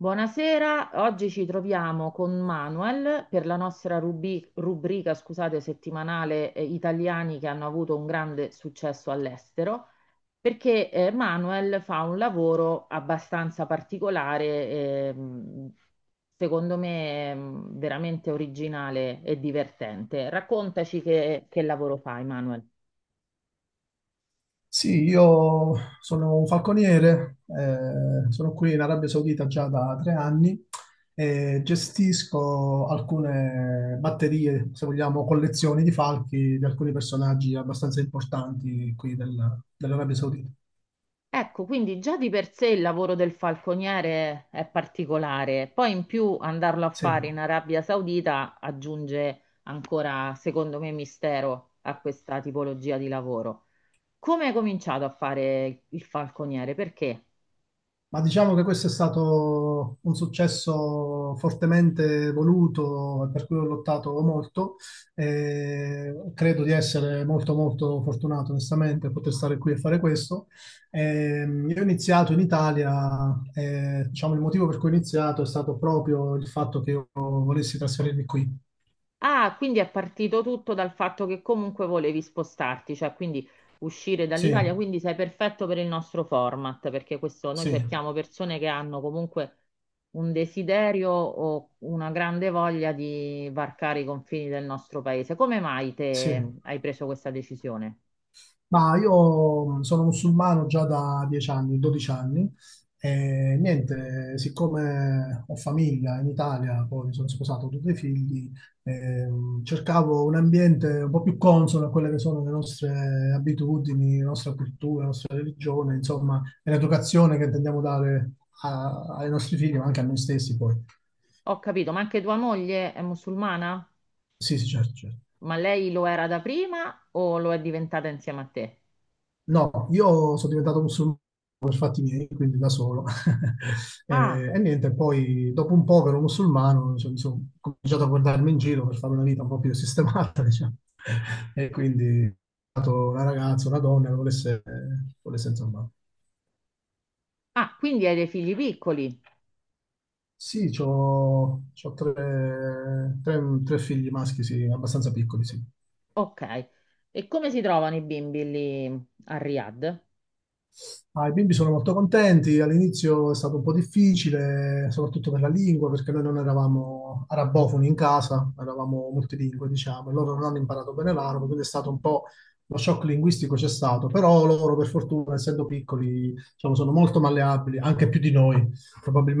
Buonasera, oggi ci troviamo con Manuel per la nostra rubrica, scusate, settimanale, Italiani che hanno avuto un grande successo all'estero, perché, Manuel fa un lavoro abbastanza particolare, ehm, secondo me veramente originale e divertente. Raccontaci che lavoro fai, Manuel. Sì, io sono un falconiere, sono qui in Arabia Saudita già da 3 anni e gestisco alcune batterie, se vogliamo, collezioni di falchi di alcuni personaggi abbastanza importanti qui dell'Arabia Saudita. Ecco, quindi già di per sé il lavoro del falconiere è particolare, poi in più andarlo a Sì. fare in Arabia Saudita aggiunge ancora, secondo me, mistero a questa tipologia di lavoro. Come hai cominciato a fare il falconiere? Perché? Ma diciamo che questo è stato un successo fortemente voluto e per cui ho lottato molto. Credo di essere molto molto fortunato onestamente a poter stare qui e fare questo. Io ho iniziato in Italia, diciamo il motivo per cui ho iniziato è stato proprio il fatto che io volessi trasferirmi qui. Ah, quindi è partito tutto dal fatto che comunque volevi spostarti, cioè quindi uscire dall'Italia, Sì, quindi sei perfetto per il nostro format, perché questo noi sì, cerchiamo persone che hanno comunque un desiderio o una grande voglia di varcare i confini del nostro paese. Come mai sì. te hai preso questa decisione? Ma io sono musulmano già da 10 anni, 12 anni e niente, siccome ho famiglia in Italia, poi mi sono sposato, ho 2 figli, cercavo un ambiente un po' più consono a quelle che sono le nostre abitudini, la nostra cultura, la nostra religione, insomma, e l'educazione che intendiamo dare ai nostri figli, ma anche a noi stessi poi. Ho capito, ma anche tua moglie è musulmana? Sì, sì, certo, certo. Ma lei lo era da prima o lo è diventata insieme a te? No, io sono diventato musulmano per fatti miei, quindi da solo. E, Ah, e niente, poi dopo un po' che ero musulmano, cioè, mi sono cominciato a guardarmi in giro per fare una vita un po' più sistemata, diciamo. E quindi ho trovato una ragazza, una donna che volesse, volesse insomma. ah, quindi hai dei figli piccoli. Sì, ho 3 figli maschi, sì, abbastanza piccoli, sì. Ok, e come si trovano i bimbi lì a Riyadh? Ah, i bimbi sono molto contenti, all'inizio è stato un po' difficile, soprattutto per la lingua, perché noi non eravamo arabofoni in casa, eravamo multilingue, diciamo, e loro non hanno imparato bene l'arabo, quindi è stato un po', lo shock linguistico c'è stato, però loro per fortuna, essendo piccoli, diciamo, sono molto malleabili, anche più di noi.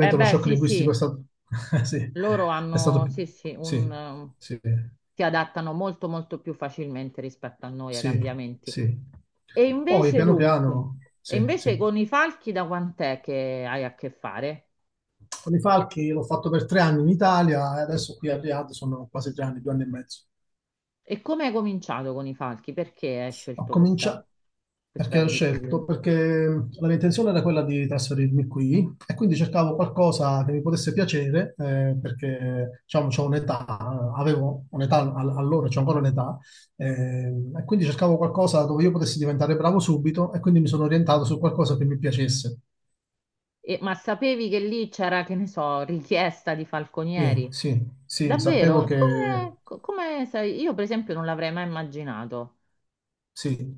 Eh lo beh, shock sì, linguistico sì, sì, loro è stato... hanno, più- sì, sì, un, Sì, sì, si adattano molto, molto più facilmente rispetto a noi ai sì, cambiamenti. sì. E Poi invece, piano dunque, piano, e sì, invece sì. con i falchi da quant'è che hai a che fare? Con i falchi l'ho fatto per 3 anni in Italia e adesso qui a Riyadh sono quasi 3 anni, 2 anni e mezzo. E come hai cominciato con i falchi? Perché hai Ho scelto questa, cominciato perché questa ho disciplina? scelto, perché la mia intenzione era quella di trasferirmi qui e quindi cercavo qualcosa che mi potesse piacere, perché diciamo, c'ho un'età, avevo un'età allora, c'ho ancora un'età, e quindi cercavo qualcosa dove io potessi diventare bravo subito e quindi mi sono orientato su qualcosa che mi piacesse. E ma sapevi che lì c'era, che ne so, richiesta di Sì, falconieri? sì, sì, sapevo Davvero? che Come, come sai? Io per esempio non l'avrei mai immaginato, sì,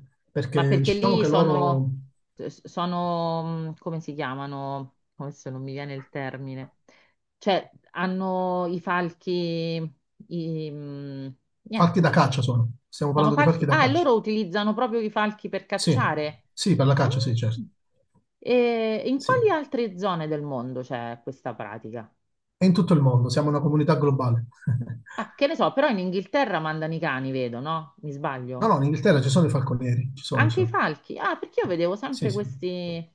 ma perché perché diciamo lì che sono, loro. sono, come si chiamano? Adesso non mi viene il termine. Cioè, hanno i falchi, i, Falchi niente, da non caccia sono. Stiamo sono parlando di falchi. falchi da Ah, e caccia. loro utilizzano proprio i falchi per Sì, cacciare. sì, per la Ah. caccia, sì, certo. E in Sì. quali altre zone del mondo c'è questa pratica? E in tutto il mondo, siamo una comunità globale. Ah, che ne so, però in Inghilterra mandano i cani, vedo, no? Mi No, sbaglio. no, in Inghilterra ci sono i falconieri, ci sono, ci Anche i sono. falchi. Ah, perché io vedevo Sì, sempre sì. questi,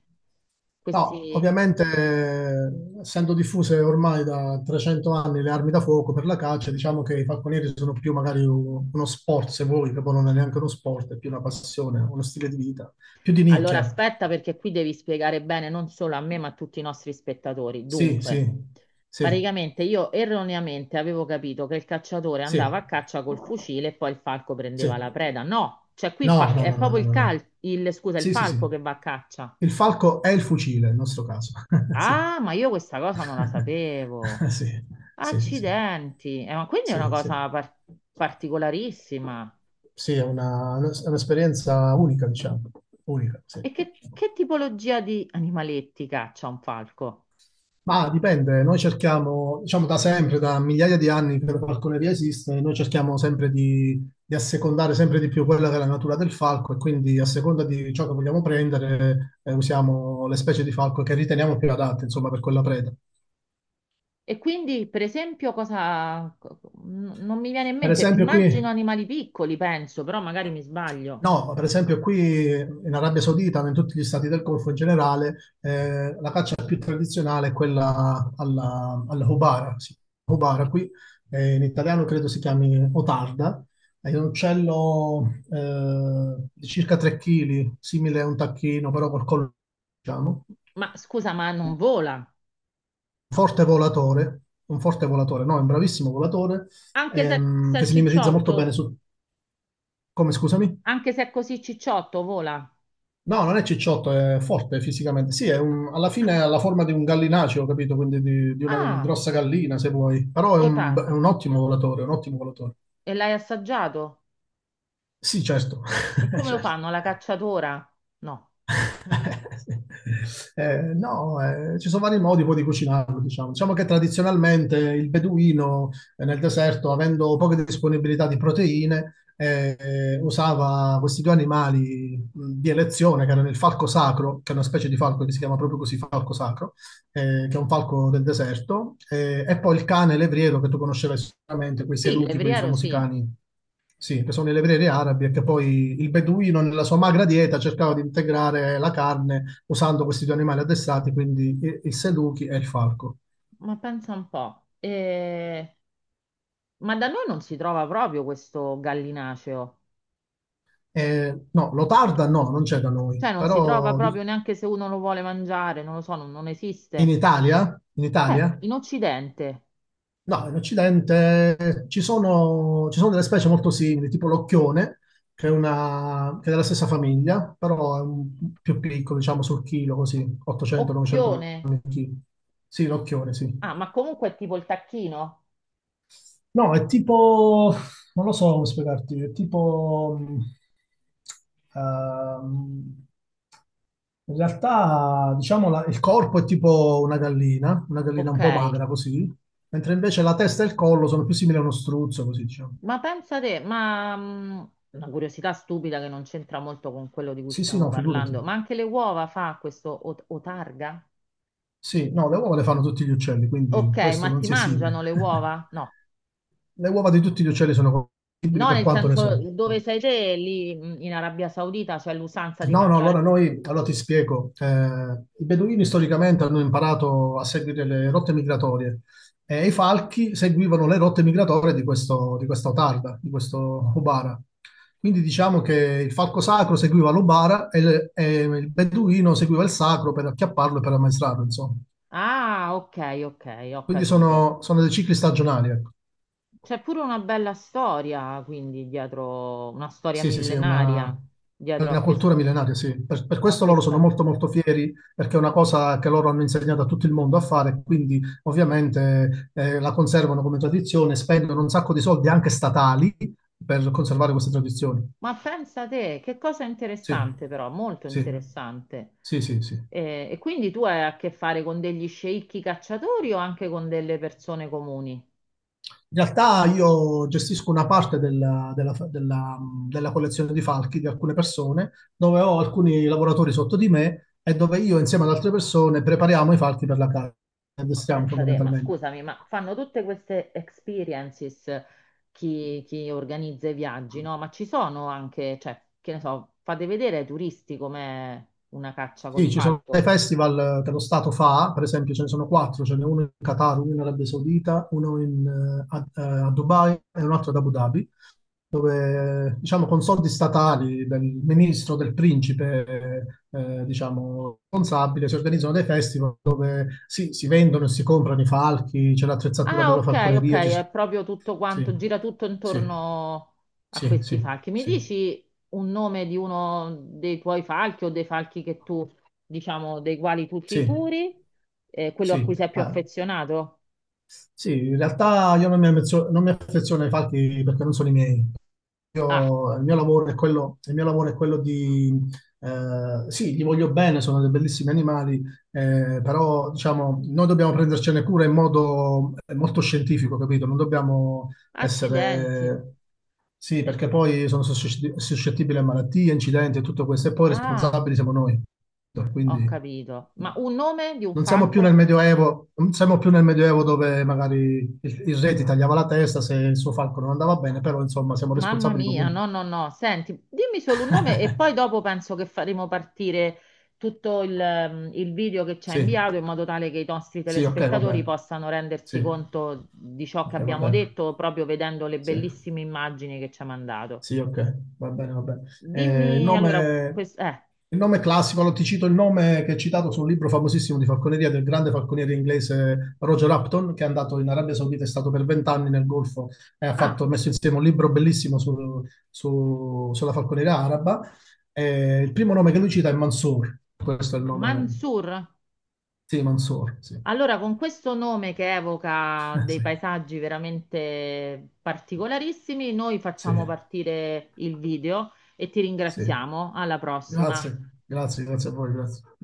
No, questi... ovviamente, essendo diffuse ormai da 300 anni le armi da fuoco per la caccia, diciamo che i falconieri sono più magari uno sport, se vuoi, che poi non è neanche uno sport, è più una passione, uno stile di vita, più di Allora nicchia. aspetta perché qui devi spiegare bene non solo a me ma a tutti i nostri spettatori. Sì, Dunque, sì, sì, praticamente io erroneamente avevo capito che il cacciatore andava sì. a caccia col fucile e poi il falco Sì. prendeva la preda. No, cioè qui No, no, è no, no, proprio no, il no, no. Scusa, il Sì, sì, falco sì. che va a caccia. Il falco è il fucile, nel nostro caso. Sì. Ah, ma io questa cosa non la sapevo. Sì, sì, sì, sì. Accidenti. Ma quindi è una Sì, sì. cosa particolarissima. Sì, è un'esperienza unica, diciamo. Unica, sì. E che tipologia di animaletti caccia un falco? Ma dipende, noi cerchiamo, diciamo da sempre, da migliaia di anni che la falconeria esiste, noi cerchiamo sempre di assecondare sempre di più quella che è la natura del falco e quindi a seconda di ciò che vogliamo prendere usiamo le specie di falco che riteniamo più adatte, insomma, per quella preda. E quindi, per esempio, cosa... non mi viene in Per mente. esempio qui Immagino animali piccoli, penso, però magari mi sbaglio. No, per esempio qui in Arabia Saudita, ma in tutti gli stati del Golfo in generale, la caccia più tradizionale è quella alla hubara. Sì, hubara qui, in italiano credo si chiami otarda, è un uccello di circa 3 kg, simile a un tacchino, però col collo, diciamo, Ma scusa, ma non vola? forte volatore, un forte volatore, no, è un bravissimo volatore, Anche se, se che è si mimetizza molto bene cicciotto? su... Come, scusami? Anche se è così cicciotto, vola? No, non è cicciotto, è forte fisicamente. Sì, alla Ah, fine ha la forma di un gallinaceo, ho capito? Quindi di una ah, grossa gallina, se vuoi. Però o è targa. un ottimo volatore, un ottimo volatore. E l'hai assaggiato? Sì, certo. E come lo Certo. fanno? La cacciatora? No. No, ci sono vari modi poi di cucinarlo, diciamo. Diciamo che tradizionalmente il beduino nel deserto, avendo poche disponibilità di proteine, usava questi 2 animali di elezione, che erano il falco sacro, che è una specie di falco che si chiama proprio così, falco sacro, che è un falco del deserto, e poi il cane levriero, che tu conoscerai sicuramente, quei Sì, il seluchi, quei levriero famosi sì, cani sì, che sono le vere arabe, che poi il beduino nella sua magra dieta cercava di integrare la carne usando questi 2 animali addestrati, quindi il seduchi e il falco. ma pensa un po'. Ma da noi non si trova proprio questo gallinaceo. No, l'otarda no, non c'è da noi, Cioè non si trova proprio neanche se uno lo vuole mangiare, non lo so, non, non in esiste. Italia, In Occidente, no, in Occidente ci sono delle specie molto simili, tipo l'occhione, che è, una, che è della stessa famiglia, però è più piccolo, diciamo sul chilo, così, 800-900 occhione. grammi al chilo. Sì, l'occhione, Ah, sì. ma comunque è tipo il tacchino? No, è tipo, non lo so come spiegarti, è tipo, ehm, in realtà, diciamo, il corpo è tipo una gallina un Ok. po' magra così, mentre invece la testa e il collo sono più simili a uno struzzo, così diciamo. Ma pensa te, ma una curiosità stupida che non c'entra molto con quello di cui Sì, sì, stiamo no, figurati. parlando, ma anche le uova fa questo otarga? Sì, no, le uova le fanno tutti gli uccelli, Ok, quindi questo ma non ti si esime. mangiano le uova? No, Le uova di tutti gli uccelli sono compatibili no, per nel quanto ne senso so. dove sei te, lì in Arabia Saudita c'è l'usanza di No, no, mangiare. allora noi, allora ti spiego. I beduini storicamente hanno imparato a seguire le rotte migratorie e i falchi seguivano le rotte migratorie di questo, di questa otarda, di questo Ubara. Quindi diciamo che il falco sacro seguiva l'Ubara e il beduino seguiva il sacro per acchiapparlo e per ammaestrarlo, insomma. Ah, ok, ok, ho Quindi capito. sono, sono dei cicli stagionali, ecco. C'è pure una bella storia, quindi dietro, una storia Sì, sì, sì, millenaria è dietro a, una cultura millenaria, sì. Per a questo loro sono questa. molto molto fieri, perché è una cosa che loro hanno insegnato a tutto il mondo a fare, quindi ovviamente la conservano come tradizione, spendono un sacco di soldi anche statali per conservare queste tradizioni. Ma pensa te, che cosa Sì, interessante però, molto sì, interessante. sì, sì, sì. E quindi tu hai a che fare con degli sceicchi cacciatori o anche con delle persone comuni? In realtà io gestisco una parte della collezione di falchi di alcune persone, dove ho alcuni lavoratori sotto di me e dove io insieme ad altre persone prepariamo i falchi per la caccia, li Ma addestriamo pensate, ma fondamentalmente. scusami, ma fanno tutte queste experiences chi, chi organizza i viaggi, no? Ma ci sono anche, cioè, che ne so, fate vedere ai turisti com'è una caccia col Sì, ci sono dei falco. festival che lo Stato fa, per esempio ce ne sono quattro, ce n'è uno in Qatar, uno in Arabia Saudita, a Dubai e un altro ad Abu Dhabi, dove diciamo con soldi statali del ministro, del principe, diciamo, responsabile, si organizzano dei festival dove sì, si vendono e si comprano i falchi, c'è l'attrezzatura Ah, per la ok, ok, falconeria, è proprio tutto sì, quanto, gira tutto sì, intorno a sì, questi sì, falchi. Mi sì, dici un nome di uno dei tuoi falchi o dei falchi che tu, diciamo, dei quali tu ti sì, curi, quello a sì, cui sì, sei più ah. affezionato? Sì, in realtà io non non mi affeziono ai falchi perché non sono i miei. Ah, Il mio lavoro è quello di... sì, gli voglio bene, sono dei bellissimi animali, però diciamo, noi dobbiamo prendercene cura in modo molto scientifico, capito? Non dobbiamo accidenti. essere... Sì, perché poi sono suscettibili a malattie, incidenti e tutto questo, e poi Ah. responsabili siamo noi. Ho Quindi... capito. Ma un nome di un Non siamo più nel falco? Medioevo, non siamo più nel Medioevo dove magari il re ti tagliava la testa se il suo falco non andava bene, però insomma siamo Mamma responsabili mia, comunque. no, no, no. Senti, dimmi solo un nome e poi dopo penso che faremo partire tutto il video che ci ha Sì, inviato in modo tale che i nostri sì, ok, va telespettatori bene. possano Sì, rendersi conto di ciò che ok, va abbiamo bene. detto proprio vedendo le Sì. bellissime immagini che ci ha mandato. Sì, ok, va bene, va bene. Eh, il Dimmi allora, nome, il nome classico, allora ti cito il nome che è citato su un libro famosissimo di falconeria del grande falconiere inglese Roger Upton, che è andato in Arabia Saudita, è stato per 20 anni nel Golfo e ha fatto, ah, ha messo insieme un libro bellissimo sulla falconeria araba. Il primo nome che lui cita è Mansour, questo è il nome, Mansur? sì, Mansour, sì. Allora, con questo nome che evoca dei Sì, paesaggi veramente particolarissimi, noi sì, facciamo partire il video e ti sì. ringraziamo. Alla prossima. Grazie, grazie, grazie a voi, grazie.